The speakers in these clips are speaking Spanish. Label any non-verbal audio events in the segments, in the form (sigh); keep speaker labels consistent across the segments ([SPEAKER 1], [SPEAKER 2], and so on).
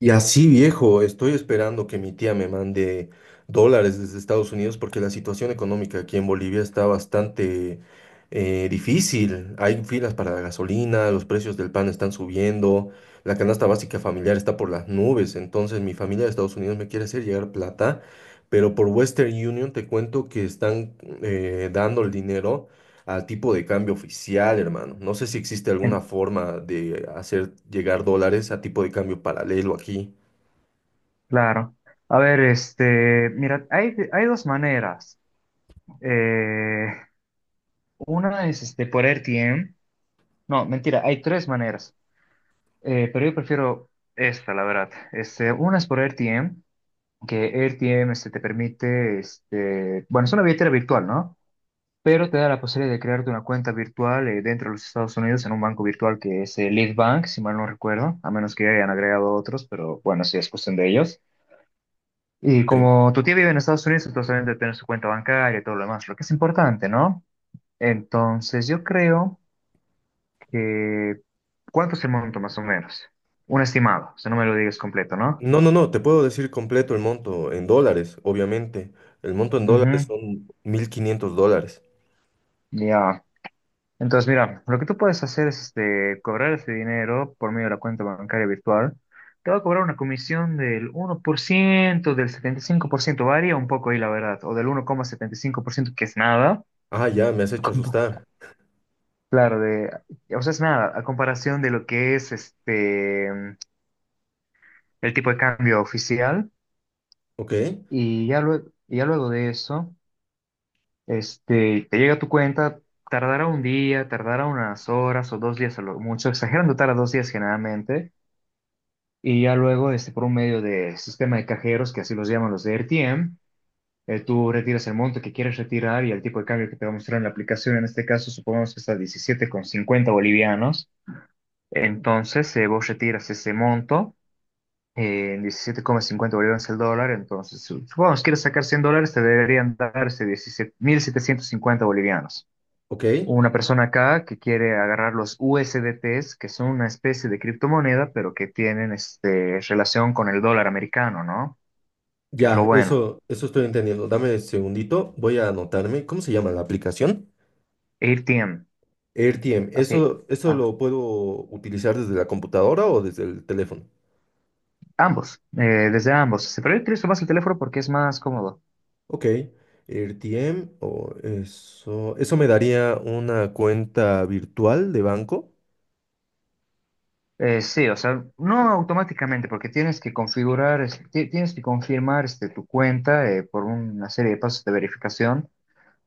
[SPEAKER 1] Y así, viejo, estoy esperando que mi tía me mande dólares desde Estados Unidos porque la situación económica aquí en Bolivia está bastante difícil. Hay filas para la gasolina, los precios del pan están subiendo, la canasta básica familiar está por las nubes. Entonces, mi familia de Estados Unidos me quiere hacer llegar plata, pero por Western Union te cuento que están dando el dinero al tipo de cambio oficial, hermano. No sé si existe alguna
[SPEAKER 2] En-
[SPEAKER 1] forma de hacer llegar dólares a tipo de cambio paralelo aquí.
[SPEAKER 2] claro. A ver, mira, hay dos maneras. Eh, una es por R T M. No, mentira, hay tres maneras. Pero yo prefiero esta, la verdad. Una es por R T M, que R T M te permite, bueno, es una billetera virtual, ¿no? Pero te da la posibilidad de crearte una cuenta virtual dentro de los Estados Unidos en un banco virtual que es Lead Bank, si mal no recuerdo, a menos que hayan agregado otros, pero bueno, sí es cuestión de ellos. Y
[SPEAKER 1] Ok.
[SPEAKER 2] como tu tía vive en Estados Unidos, entonces obviamente debe tener su cuenta bancaria y todo lo demás, lo que es importante, ¿no? Entonces yo creo que… ¿Cuánto es el monto más o menos? Un estimado, o sea, no me lo digas completo, ¿no?
[SPEAKER 1] No, no, no, te puedo decir completo el monto en dólares, obviamente. El monto en dólares
[SPEAKER 2] Ujú.
[SPEAKER 1] son 1.500 dólares.
[SPEAKER 2] Ya. Entonces, mira, lo que tú puedes hacer es cobrar ese dinero por medio de la cuenta bancaria virtual. Te va a cobrar una comisión del 1%, del 75%, varía un poco ahí la verdad, o del 1,75%, que es nada.
[SPEAKER 1] Ah, ya, me has hecho
[SPEAKER 2] (laughs)
[SPEAKER 1] asustar.
[SPEAKER 2] Claro, de, o sea, es nada, a comparación de lo que es el tipo de cambio oficial.
[SPEAKER 1] Ok,
[SPEAKER 2] Y ya luego de eso, te llega a tu cuenta, tardará un día, tardará unas horas o dos días a lo mucho, exagerando tarda dos días generalmente. Y ya luego, por un medio de sistema de cajeros, que así los llaman los de RTM, tú retiras el monto que quieres retirar y el tipo de cambio que te va a mostrar en la aplicación, en este caso, supongamos que está 17,50 bolivianos. Entonces vos retiras ese monto, en 17,50 bolivianos el dólar. Entonces, supongamos que quieres sacar $100, te deberían darse 17.750 bolivianos.
[SPEAKER 1] ok.
[SPEAKER 2] Una persona acá que quiere agarrar los USDTs, que son una especie de criptomoneda, pero que tienen relación con el dólar americano, ¿no? Que es lo
[SPEAKER 1] Ya,
[SPEAKER 2] bueno.
[SPEAKER 1] eso estoy entendiendo. Dame un segundito, voy a anotarme. ¿Cómo se llama la aplicación?
[SPEAKER 2] ATM,
[SPEAKER 1] AirTM,
[SPEAKER 2] así.
[SPEAKER 1] ¿eso
[SPEAKER 2] ah,
[SPEAKER 1] lo puedo utilizar desde la computadora o desde el teléfono?
[SPEAKER 2] Ambos, desde ambos. Pero yo utilizo más el teléfono porque es más cómodo.
[SPEAKER 1] Ok, RTM, o eso me daría una cuenta virtual de banco,
[SPEAKER 2] Sí, o sea, no automáticamente, porque tienes que configurar, tienes que confirmar tu cuenta, por una serie de pasos de verificación.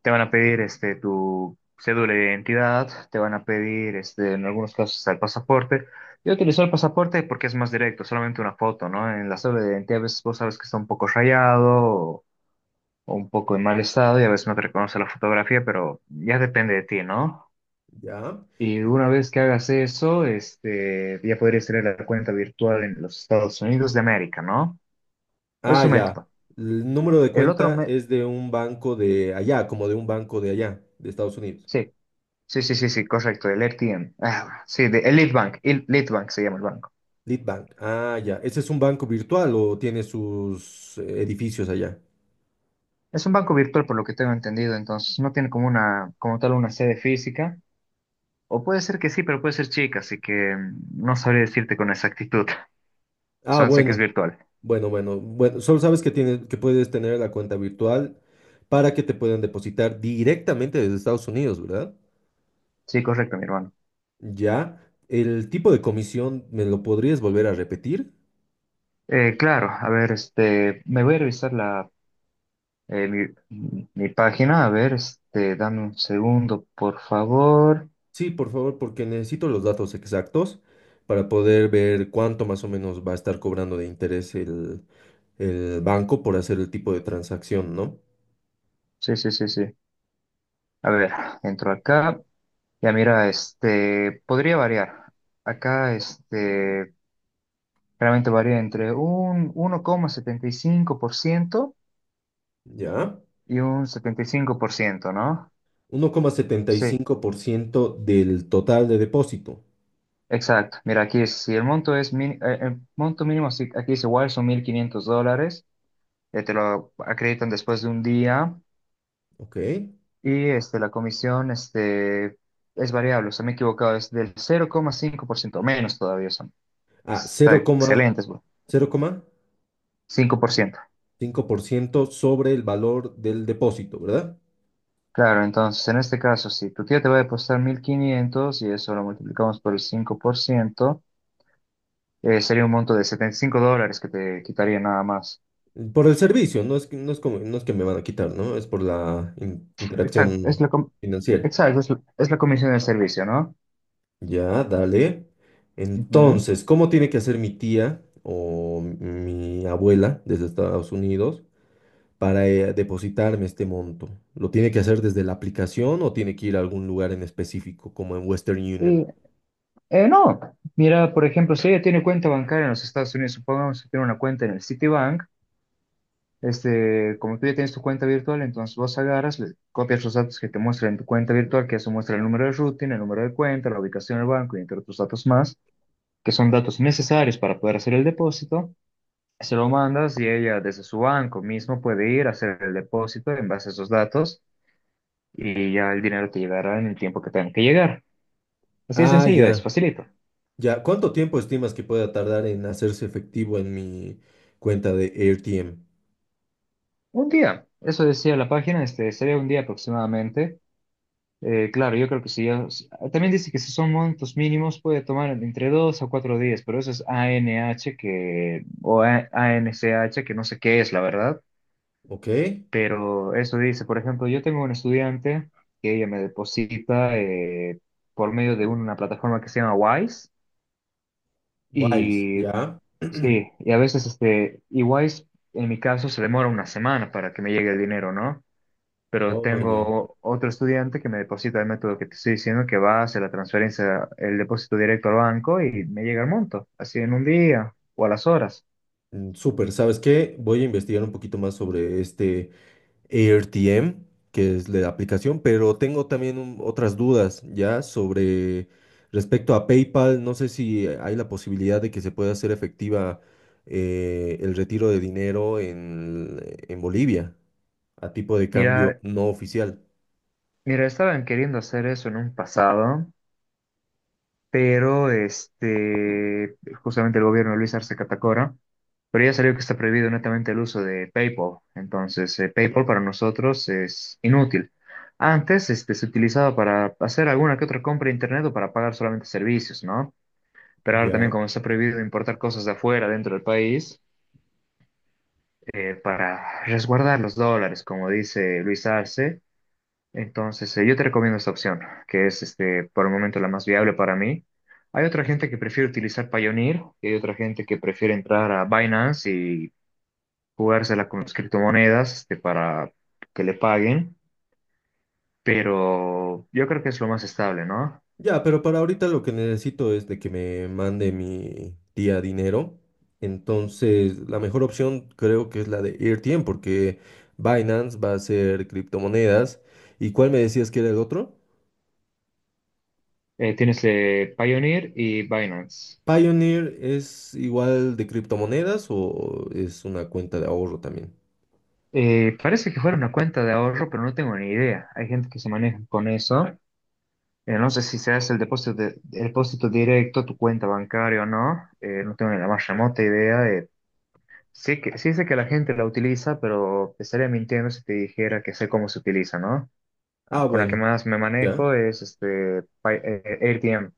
[SPEAKER 2] Te van a pedir tu cédula de identidad, te van a pedir en algunos casos hasta el pasaporte. Yo utilizo el pasaporte porque es más directo, solamente una foto, ¿no? En la cédula de identidad a veces vos sabes que está un poco rayado o un poco en mal estado y a veces no te reconoce la fotografía, pero ya depende de ti, ¿no?
[SPEAKER 1] ¿ya?
[SPEAKER 2] Y una vez que hagas eso, ya podrías tener la cuenta virtual en los Estados Unidos de América, ¿no? Es
[SPEAKER 1] Ah,
[SPEAKER 2] un
[SPEAKER 1] ya.
[SPEAKER 2] método.
[SPEAKER 1] El número de
[SPEAKER 2] El otro
[SPEAKER 1] cuenta
[SPEAKER 2] me-
[SPEAKER 1] es de un banco de allá, como de un banco de allá, de Estados Unidos.
[SPEAKER 2] sí, sí, sí, sí, sí, correcto, el RTM. Ah, sí, el Lead Bank se llama el banco.
[SPEAKER 1] Lead Bank. Ah, ya. ¿Ese es un banco virtual o tiene sus edificios allá?
[SPEAKER 2] Es un banco virtual por lo que tengo entendido, entonces no tiene como tal una sede física. O puede ser que sí, pero puede ser chica, así que no sabría decirte con exactitud. (laughs)
[SPEAKER 1] Ah,
[SPEAKER 2] Solo sé que es
[SPEAKER 1] bueno,
[SPEAKER 2] virtual.
[SPEAKER 1] bueno, bueno, bueno. Solo sabes que tienes, que puedes tener la cuenta virtual para que te puedan depositar directamente desde Estados Unidos, ¿verdad?
[SPEAKER 2] Sí, correcto, mi hermano.
[SPEAKER 1] Ya, ¿el tipo de comisión me lo podrías volver a repetir?
[SPEAKER 2] Claro, a ver, me voy a revisar la… Mi página. A ver, dame un segundo, por favor.
[SPEAKER 1] Sí, por favor, porque necesito los datos exactos para poder ver cuánto más o menos va a estar cobrando de interés el banco por hacer el tipo de transacción, ¿no?
[SPEAKER 2] Sí, sí, sí, sí. A ver, entro acá. Ya mira, podría variar. Acá, realmente varía entre un 1,75%
[SPEAKER 1] Ya,
[SPEAKER 2] y un 75%, ¿no?
[SPEAKER 1] uno coma setenta y
[SPEAKER 2] Sí,
[SPEAKER 1] cinco por ciento del total de depósito,
[SPEAKER 2] exacto. Mira, si el monto es, el monto mínimo, si aquí es igual, son $1.500. Te lo acreditan después de un día.
[SPEAKER 1] ¿ok?
[SPEAKER 2] Y la comisión, es variable, o sea, me he equivocado, es del 0,5%, menos todavía son.
[SPEAKER 1] Ah,
[SPEAKER 2] Está
[SPEAKER 1] cero coma
[SPEAKER 2] excelentes, bro. 5%.
[SPEAKER 1] cinco por ciento sobre el valor del depósito, ¿verdad?
[SPEAKER 2] Claro, entonces en este caso, si tu tío te va a depositar 1.500 y eso lo multiplicamos por el 5%, sería un monto de $75 que te quitaría nada más.
[SPEAKER 1] Por el servicio, no es que me van a quitar, ¿no? Es por la
[SPEAKER 2] Exacto, es
[SPEAKER 1] interacción
[SPEAKER 2] la, com-
[SPEAKER 1] financiera.
[SPEAKER 2] exacto, es la comisión del servicio, ¿no?
[SPEAKER 1] Ya, dale.
[SPEAKER 2] Ujú.
[SPEAKER 1] Entonces, ¿cómo tiene que hacer mi tía o mi abuela desde Estados Unidos para depositarme este monto? ¿Lo tiene que hacer desde la aplicación o tiene que ir a algún lugar en específico, como en Western Union?
[SPEAKER 2] Y, no, mira, por ejemplo, si ella tiene cuenta bancaria en los Estados Unidos, supongamos que tiene una cuenta en el Citibank. Como tú ya tienes tu cuenta virtual, entonces vos agarras, le copias los datos que te muestra en tu cuenta virtual, que eso muestra el número de routing, el número de cuenta, la ubicación del banco y entre otros datos más, que son datos necesarios para poder hacer el depósito. Se lo mandas y ella desde su banco mismo puede ir a hacer el depósito en base a esos datos, y ya el dinero te llegará en el tiempo que tenga que llegar. Así de
[SPEAKER 1] Ah,
[SPEAKER 2] sencillo, es
[SPEAKER 1] ya,
[SPEAKER 2] facilito.
[SPEAKER 1] ya. ¿Cuánto tiempo estimas que pueda tardar en hacerse efectivo en mi cuenta de AirTM?
[SPEAKER 2] Un día, eso decía la página, sería un día aproximadamente. Claro, yo creo que sí. También dice que si son montos mínimos puede tomar entre 2 a 4 días, pero eso es ANH, que o ANCH, que no sé qué es, la verdad.
[SPEAKER 1] ¿Ok?
[SPEAKER 2] Pero eso dice. Por ejemplo, yo tengo una estudiante que ella me deposita por medio de una plataforma que se llama Wise.
[SPEAKER 1] Wise,
[SPEAKER 2] Y
[SPEAKER 1] ya. (clears throat)
[SPEAKER 2] sí, y a veces, y Wise en mi caso se demora una semana para que me llegue el dinero, ¿no? Pero
[SPEAKER 1] Oh, ya.
[SPEAKER 2] tengo otro estudiante que me deposita el método que te estoy diciendo, que va a hacer la transferencia, el depósito directo al banco, y me llega el monto así en un día o a las horas.
[SPEAKER 1] Mm, súper, ¿sabes qué? Voy a investigar un poquito más sobre este AirTM, que es la aplicación, pero tengo también otras dudas ya sobre respecto a PayPal. No sé si hay la posibilidad de que se pueda hacer efectiva el retiro de dinero en Bolivia a tipo de cambio
[SPEAKER 2] Mira,
[SPEAKER 1] no oficial.
[SPEAKER 2] mira, estaban queriendo hacer eso en un pasado, pero justamente el gobierno de Luis Arce Catacora, pero ya salió que está prohibido netamente el uso de PayPal, entonces PayPal para nosotros es inútil. Antes se utilizaba para hacer alguna que otra compra de internet o para pagar solamente servicios, ¿no? Pero ahora también,
[SPEAKER 1] Ya.
[SPEAKER 2] como está prohibido importar cosas de afuera dentro del país, para resguardar los dólares, como dice Luis Arce, entonces yo te recomiendo esta opción, que es, por el momento, la más viable para mí. Hay otra gente que prefiere utilizar Payoneer y hay otra gente que prefiere entrar a Binance y jugársela con las criptomonedas, para que le paguen, pero yo creo que es lo más estable, ¿no?
[SPEAKER 1] Ya, pero para ahorita lo que necesito es de que me mande mi tía dinero. Entonces, la mejor opción creo que es la de Airtm porque Binance va a ser criptomonedas. ¿Y cuál me decías que era el otro?
[SPEAKER 2] Tienes, Payoneer y Binance.
[SPEAKER 1] Pioneer es igual de criptomonedas o es una cuenta de ahorro también.
[SPEAKER 2] Parece que fuera una cuenta de ahorro, pero no tengo ni idea. Hay gente que se maneja con eso. No sé si se hace el depósito, el depósito directo a tu cuenta bancaria o no. No tengo ni la más remota idea. Sí sé que la gente la utiliza, pero te estaría mintiendo si te dijera que sé cómo se utiliza, ¿no?
[SPEAKER 1] Ah,
[SPEAKER 2] Con la que
[SPEAKER 1] bueno,
[SPEAKER 2] más me
[SPEAKER 1] ya.
[SPEAKER 2] manejo es AirTM,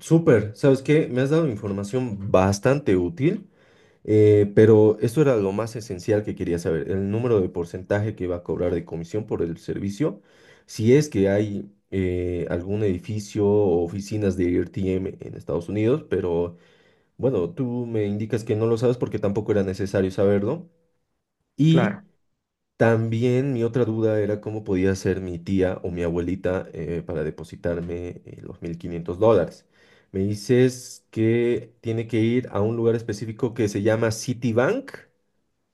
[SPEAKER 1] Súper. ¿Sabes qué? Me has dado información bastante útil. Pero esto era lo más esencial que quería saber, el número de porcentaje que va a cobrar de comisión por el servicio, si es que hay algún edificio o oficinas de RTM en Estados Unidos, pero bueno, tú me indicas que no lo sabes porque tampoco era necesario saberlo. Y
[SPEAKER 2] claro.
[SPEAKER 1] también mi otra duda era cómo podía ser mi tía o mi abuelita para depositarme los 1.500 dólares. Me dices que tiene que ir a un lugar específico que se llama Citibank.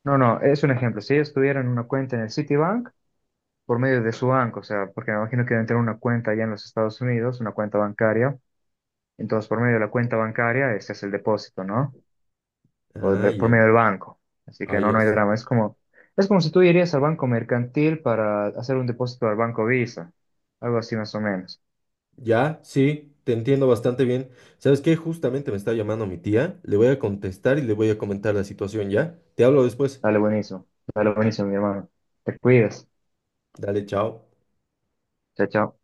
[SPEAKER 2] No, no, es un ejemplo. Si ellos tuvieran una cuenta en el Citibank, por medio de su banco, o sea, porque me imagino que deben tener una cuenta allá en los Estados Unidos, una cuenta bancaria. Entonces, por medio de la cuenta bancaria, este es el depósito, ¿no? O
[SPEAKER 1] Ah,
[SPEAKER 2] por
[SPEAKER 1] ya.
[SPEAKER 2] medio del banco. Así
[SPEAKER 1] Ah,
[SPEAKER 2] que no,
[SPEAKER 1] ya.
[SPEAKER 2] no hay drama. Es como si tú irías al banco mercantil para hacer un depósito al banco Visa. Algo así más o menos.
[SPEAKER 1] Ya, sí, te entiendo bastante bien. ¿Sabes qué? Justamente me está llamando mi tía. Le voy a contestar y le voy a comentar la situación, ¿ya? Te hablo después.
[SPEAKER 2] Dale, buenísimo. Dale, buenísimo, mi hermano. Te cuidas.
[SPEAKER 1] Dale, chao.
[SPEAKER 2] Chao, chao.